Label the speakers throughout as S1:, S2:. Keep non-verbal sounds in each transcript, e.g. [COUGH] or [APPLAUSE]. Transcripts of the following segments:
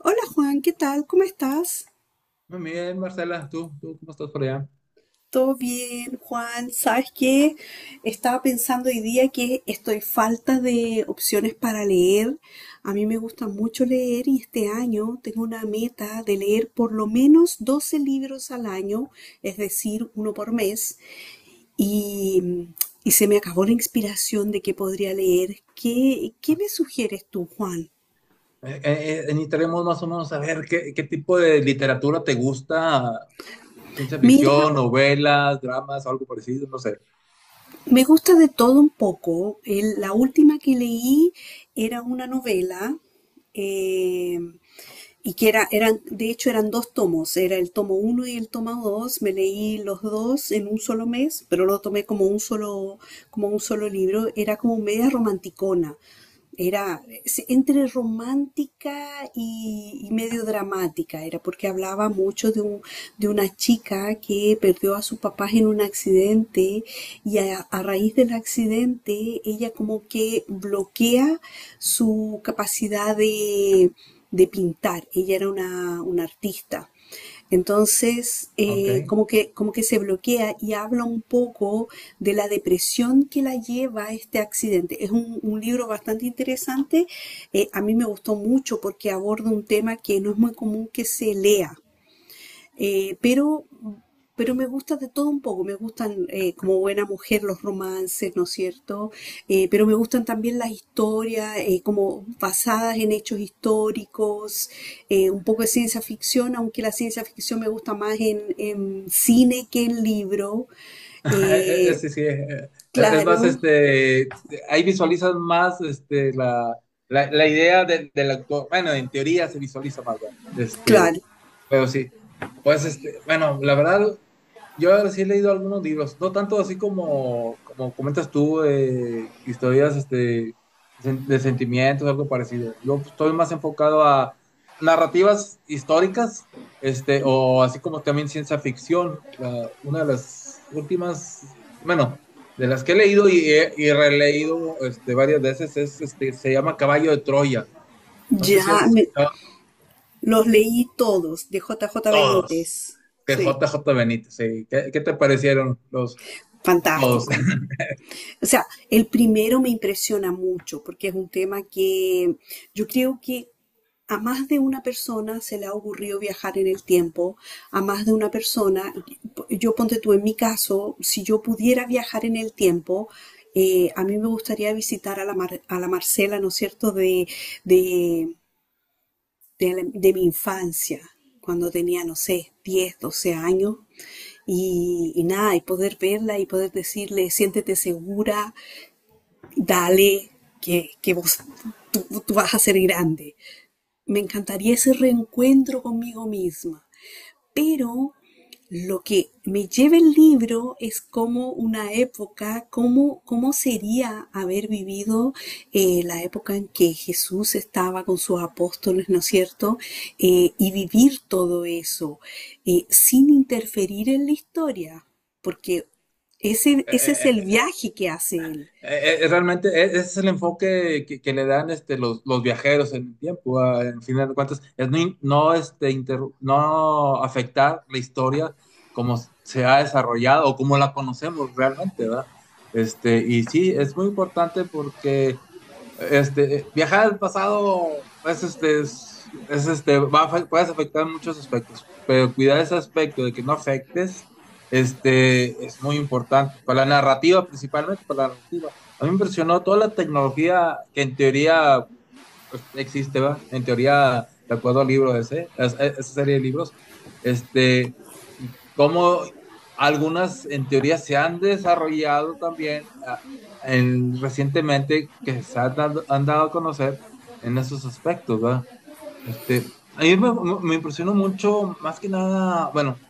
S1: Hola Juan, ¿qué tal? ¿Cómo estás?
S2: Muy bien, Marcela, ¿tú cómo estás por allá?
S1: ¿Todo bien, Juan? ¿Sabes qué? Estaba pensando hoy día que estoy falta de opciones para leer. A mí me gusta mucho leer y este año tengo una meta de leer por lo menos 12 libros al año, es decir, uno por mes. Y, y se me acabó la inspiración de qué podría leer. ¿Qué me sugieres tú, Juan?
S2: Necesitaremos más o menos saber qué, qué tipo de literatura te gusta, ciencia
S1: Mira,
S2: ficción, novelas, dramas, algo parecido, no sé.
S1: me gusta de todo un poco. La última que leí era una novela, eh, y que eran dos tomos, era el tomo uno y el tomo dos. Me leí los dos en un solo mes, pero lo tomé como un solo libro. Era como media romanticona, era entre romántica y medio dramática, era porque hablaba mucho de una chica que perdió a sus papás en un accidente y a raíz del accidente ella como que bloquea su capacidad de pintar. Ella era una artista. Entonces,
S2: Ok.
S1: como
S2: [LAUGHS]
S1: que, como que se bloquea y habla un poco de la depresión que la lleva a este accidente. Es un libro bastante interesante. A mí me gustó mucho porque aborda un tema que no es muy común que se lea. Eh, pero, pero me gusta de todo un poco. Me gustan, como buena mujer, los romances, ¿no es cierto? Pero me gustan también las historias, como basadas en hechos históricos, un poco de ciencia ficción, aunque la ciencia ficción me gusta más en cine que en libro. Eh,
S2: Sí, sí, es más,
S1: claro,
S2: ahí visualizas más la, la idea del autor. Bueno, en teoría se visualiza más, ¿verdad?
S1: claro.
S2: Pero sí, pues bueno, la verdad, yo sí he leído algunos libros, no tanto así como, como comentas tú, historias de sentimientos, algo parecido. Yo pues, estoy más enfocado a narrativas históricas, o así como también ciencia ficción. Una de las últimas, bueno, de las que he leído y, y releído varias veces es, se llama Caballo de Troya. No sé si has
S1: Ya me-
S2: escuchado.
S1: los leí todos de J J
S2: Todos.
S1: Benítez.
S2: Que
S1: Sí,
S2: JJ Benítez, sí. ¿Qué, qué te parecieron los todos?
S1: fantástico. O sea, el primero me impresiona mucho porque es un tema que yo creo que a más de una persona se le ha ocurrido viajar en el tiempo, a más de una persona. Yo, ponte tú en mi caso, si yo pudiera viajar en el tiempo, a mí me gustaría visitar a la, a la Marcela, ¿no es cierto? De, de mi infancia, cuando tenía, no sé, 10, 12 años, y nada, y poder verla y poder decirle, siéntete segura, dale, que vos, tú vas a ser grande. Me encantaría ese reencuentro conmigo misma, pero lo que me lleva el libro es como una época, cómo sería haber vivido la época en que Jesús estaba con sus apóstoles, ¿no es cierto? Y vivir todo eso sin interferir en la historia, porque ese es el
S2: [LAUGHS]
S1: viaje que hace él.
S2: Realmente ese es el enfoque que le dan los viajeros en el tiempo, ah, en final de cuentas, es no, no afectar la historia como se ha desarrollado o como la conocemos realmente, ¿verdad? Y sí, es muy importante porque viajar al pasado es, puedes afectar en muchos aspectos, pero cuidar ese aspecto de que no afectes es muy importante, para la narrativa principalmente, para la narrativa. A mí me impresionó toda la tecnología que en teoría pues, existe, ¿va? En teoría, de acuerdo al libro ese, esa serie de libros, este, y cómo algunas en teoría se han desarrollado también, ah, en, recientemente, que se han dado a conocer en esos aspectos, ¿va? A mí me impresionó mucho, más que nada, bueno,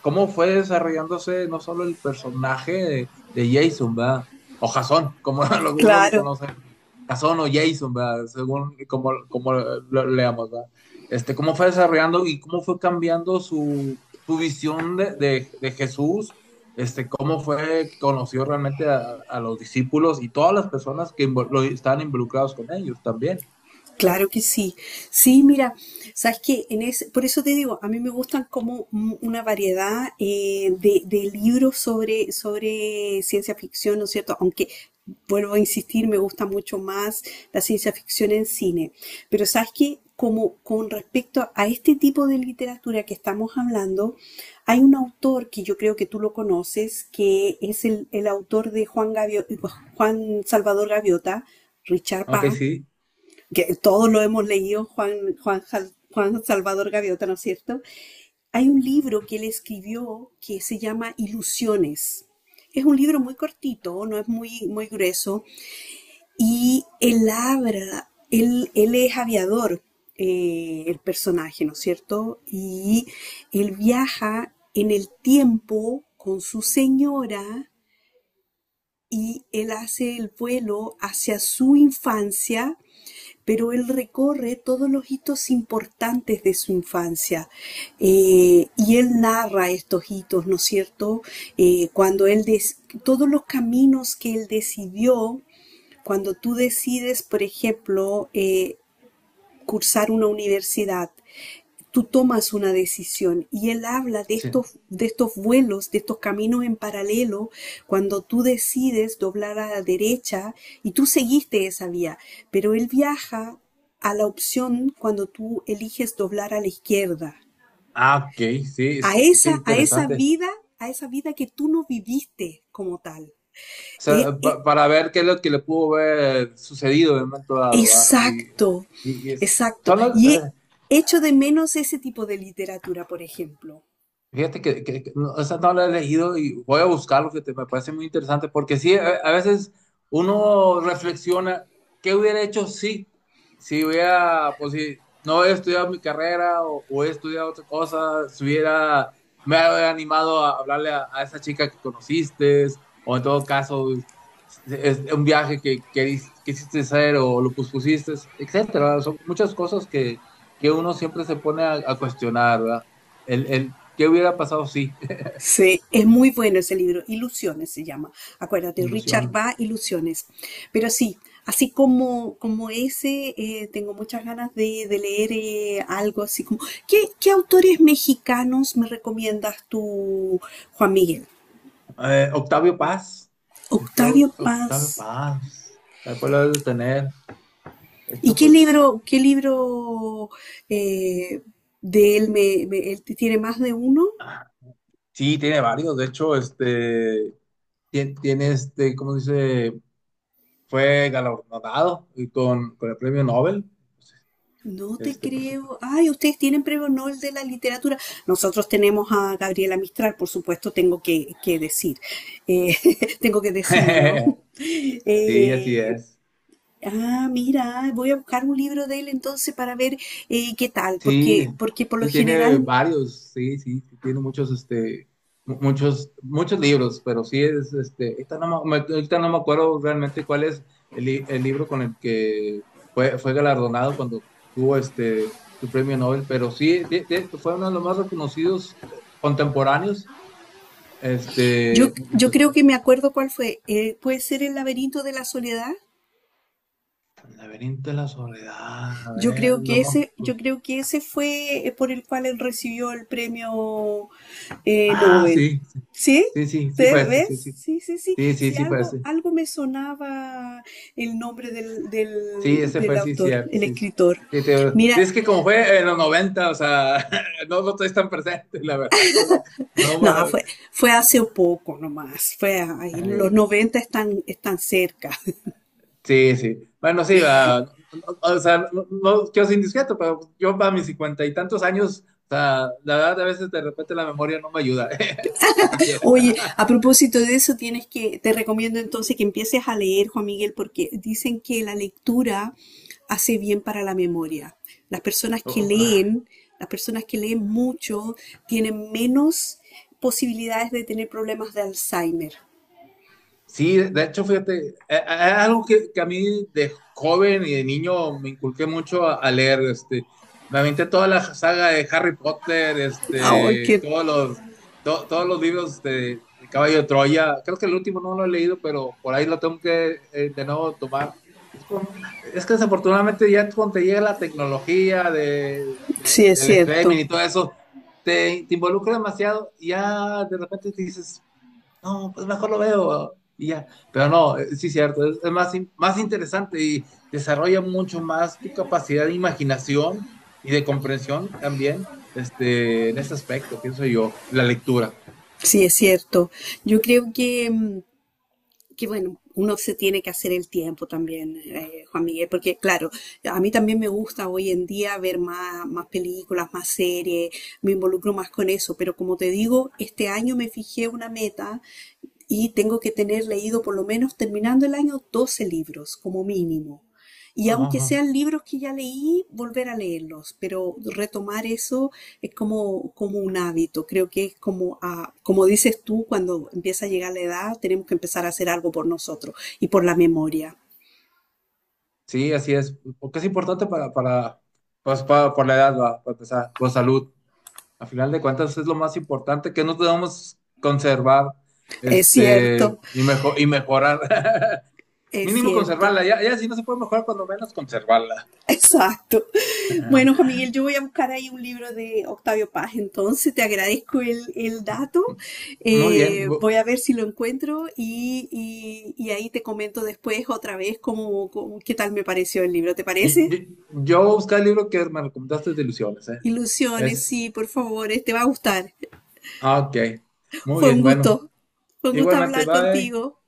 S2: cómo fue desarrollándose no solo el personaje de Jason, ¿verdad? O Jason, como [LAUGHS] algunos lo
S1: Claro,
S2: conocen, ¿verdad? Jason o Jason, ¿verdad? Según como, como lo leamos, ¿verdad? Cómo fue desarrollando y cómo fue cambiando su, su visión de, de Jesús, cómo fue que conoció realmente a los discípulos y todas las personas que estaban involucrados con ellos también.
S1: claro que sí. Sí, mira, sabes que en ese, por eso te digo, a mí me gustan como una variedad de libros sobre ciencia ficción, ¿no es cierto? Aunque, vuelvo a insistir, me gusta mucho más la ciencia ficción en cine. Pero sabes que como con respecto a este tipo de literatura que estamos hablando, hay un autor que yo creo que tú lo conoces, que es el autor de Juan Salvador Gaviota, Richard
S2: Ok,
S1: Paz,
S2: sí,
S1: que todos lo hemos leído. Juan, Juan Salvador Gaviota, ¿no es cierto? Hay un libro que él escribió que se llama Ilusiones. Es un libro muy cortito, no es muy, muy grueso, y él habla, él es aviador, el personaje, ¿no es cierto? Y él viaja en el tiempo con su señora y él hace el vuelo hacia su infancia, pero él recorre todos los hitos importantes de su infancia y él narra estos hitos, ¿no es cierto? Cuando él, todos los caminos que él decidió, cuando tú decides, por ejemplo, cursar una universidad, tú tomas una decisión. Y él habla
S2: sí.
S1: de estos vuelos, de estos caminos en paralelo, cuando tú decides doblar a la derecha y tú seguiste esa vía, pero él viaja a la opción cuando tú eliges doblar a la izquierda,
S2: Ah, ok, sí,
S1: a
S2: qué, qué
S1: esa, a esa
S2: interesante.
S1: vida, a esa vida que tú no viviste como tal.
S2: O
S1: Eh,
S2: sea,
S1: eh,
S2: para ver qué es lo que le pudo haber sucedido en un momento dado, ¿va? Y, y-
S1: exacto,
S2: y es-
S1: exacto.
S2: son las- eh,
S1: Echo de menos ese tipo de literatura, por ejemplo.
S2: fíjate que no, esa no la he leído y voy a buscarlo, fíjate, me parece muy interesante, porque sí, a veces uno reflexiona, ¿qué hubiera hecho si? Si hubiera, pues si no he estudiado mi carrera o he estudiado otra cosa, si hubiera, me hubiera animado a hablarle a esa chica que conociste, o en todo caso, es un viaje que quisiste hacer o lo pospusiste, etcétera. Son muchas cosas que uno siempre se pone a cuestionar, ¿verdad? El ¿qué hubiera pasado? Sí. [LAUGHS]
S1: Sí, es muy bueno ese libro, Ilusiones se llama. Acuérdate, Richard
S2: Ilusión.
S1: Va, Ilusiones. Pero sí, así como, como ese, tengo muchas ganas de leer algo así como... ¿Qué autores mexicanos me recomiendas tú, Juan Miguel?
S2: Octavio Paz. Creo
S1: Octavio
S2: que Octavio
S1: Paz.
S2: Paz. Después lo debes de tener. De
S1: ¿Y
S2: hecho, pues,
S1: qué libro eh, de él me, me- él tiene más de uno?
S2: ah, sí, tiene varios. De hecho, Tiene, tiene ¿cómo se dice? Fue galardonado y con el premio Nobel.
S1: No te
S2: Por
S1: creo.
S2: supuesto.
S1: Ay, ustedes tienen premio Nobel de la literatura. Nosotros tenemos a Gabriela Mistral, por supuesto, tengo que decir. Eh, [LAUGHS] tengo que decirlo, ¿no?
S2: [LAUGHS]
S1: [LAUGHS]
S2: Sí, así
S1: Eh,
S2: es.
S1: mira, voy a buscar un libro de él entonces para ver qué tal,
S2: Sí,
S1: porque por lo
S2: sí tiene
S1: general
S2: varios, sí, sí, sí tiene muchos, muchos, muchos libros, pero sí es, ahorita no me, ahorita no me acuerdo realmente cuál es el, el libro con el que fue, fue galardonado cuando tuvo su premio Nobel, pero sí, fue uno de los más reconocidos, contemporáneos,
S1: yo,
S2: en su
S1: yo creo
S2: aspecto.
S1: que me acuerdo cuál fue. ¿Puede ser El laberinto de la soledad?
S2: El laberinto de la soledad, a
S1: Yo
S2: ver,
S1: creo
S2: no
S1: que
S2: me
S1: ese, yo creo que ese fue por el cual él recibió el premio
S2: ah,
S1: Nobel.
S2: sí, sí,
S1: ¿Sí?
S2: sí, sí sí
S1: ¿Te
S2: fue ese, sí,
S1: ves?
S2: sí,
S1: Sí, sí, sí.
S2: sí, sí,
S1: Sí,
S2: sí fue
S1: algo,
S2: ese.
S1: algo me sonaba el nombre
S2: Sí, ese
S1: del
S2: fue, sí,
S1: autor,
S2: cierto,
S1: el
S2: sí. Sí,
S1: escritor.
S2: sí, sí,
S1: Mira,
S2: es que como fue en los 90, o sea, [LAUGHS] no lo estoy tan presente, la verdad. No, sé. No,
S1: no, fue hace poco nomás. Fue ahí, los
S2: eh,
S1: 90 están, están cerca.
S2: sí, sí. Bueno, sí, ah, o sea, no, no quiero ser indiscreto, pero yo para mis cincuenta y tantos años, o sea, la verdad, a veces de repente la memoria no me ayuda, [LAUGHS] lo que
S1: Oye, a propósito de eso, tienes te recomiendo entonces que empieces a leer, Juan Miguel, porque dicen que la lectura hace bien para la memoria. Las personas que
S2: quiera.
S1: leen, las personas que leen mucho, tienen menos posibilidades de tener problemas de Alzheimer.
S2: Sí, de hecho, fíjate, es algo que a mí de joven y de niño me inculqué mucho a leer, me aventé toda la saga de Harry Potter,
S1: Ay, que
S2: todos los, todos los libros de Caballo de Troya, creo que el último no lo he leído, pero por ahí lo tengo que, de nuevo tomar. Es, como- es que desafortunadamente ya cuando te llega la tecnología de,
S1: sí es
S2: del streaming
S1: cierto,
S2: y todo eso, te involucra demasiado y ya de repente te dices no, pues mejor lo veo y ya. Pero no, sí, cierto, es más, más interesante y desarrolla mucho más tu capacidad de imaginación y de comprensión también, en ese aspecto, pienso yo, la lectura.
S1: sí es cierto. Yo creo que que bueno, uno se tiene que hacer el tiempo también, Juan Miguel, porque claro, a mí también me gusta hoy en día ver más, más películas, más series. Me involucro más con eso, pero como te digo, este año me fijé una meta y tengo que tener leído por lo menos terminando el año 12 libros como mínimo. Y
S2: No, no,
S1: aunque
S2: no.
S1: sean libros que ya leí, volver a leerlos, pero retomar eso es como, como un hábito. Creo que es como, ah, como dices tú, cuando empieza a llegar la edad, tenemos que empezar a hacer algo por nosotros y por la memoria.
S2: Sí, así es, porque es importante para, pues, para, por la edad, va, para empezar, por salud. Al final de cuentas es lo más importante que no debemos conservar,
S1: Es cierto,
S2: y, y mejorar. [LAUGHS]
S1: es
S2: Mínimo
S1: cierto.
S2: conservarla, ya, ya si no se puede mejorar, cuando menos conservarla.
S1: [LAUGHS] Exacto. Bueno, Juan Miguel, yo voy a buscar ahí un libro de Octavio Paz, entonces te agradezco el dato.
S2: Muy bien.
S1: Voy a ver si lo encuentro y ahí te comento después otra vez qué tal me pareció el libro, ¿te parece?
S2: Yo voy a buscar el libro que me recomendaste de ilusiones, ¿eh?
S1: Ilusiones,
S2: Es.
S1: sí, por favor, te va a gustar.
S2: Ah, ok. Muy
S1: Fue un
S2: bien, bueno.
S1: gusto, fue un gusto
S2: Igualmente,
S1: hablar
S2: bye.
S1: contigo.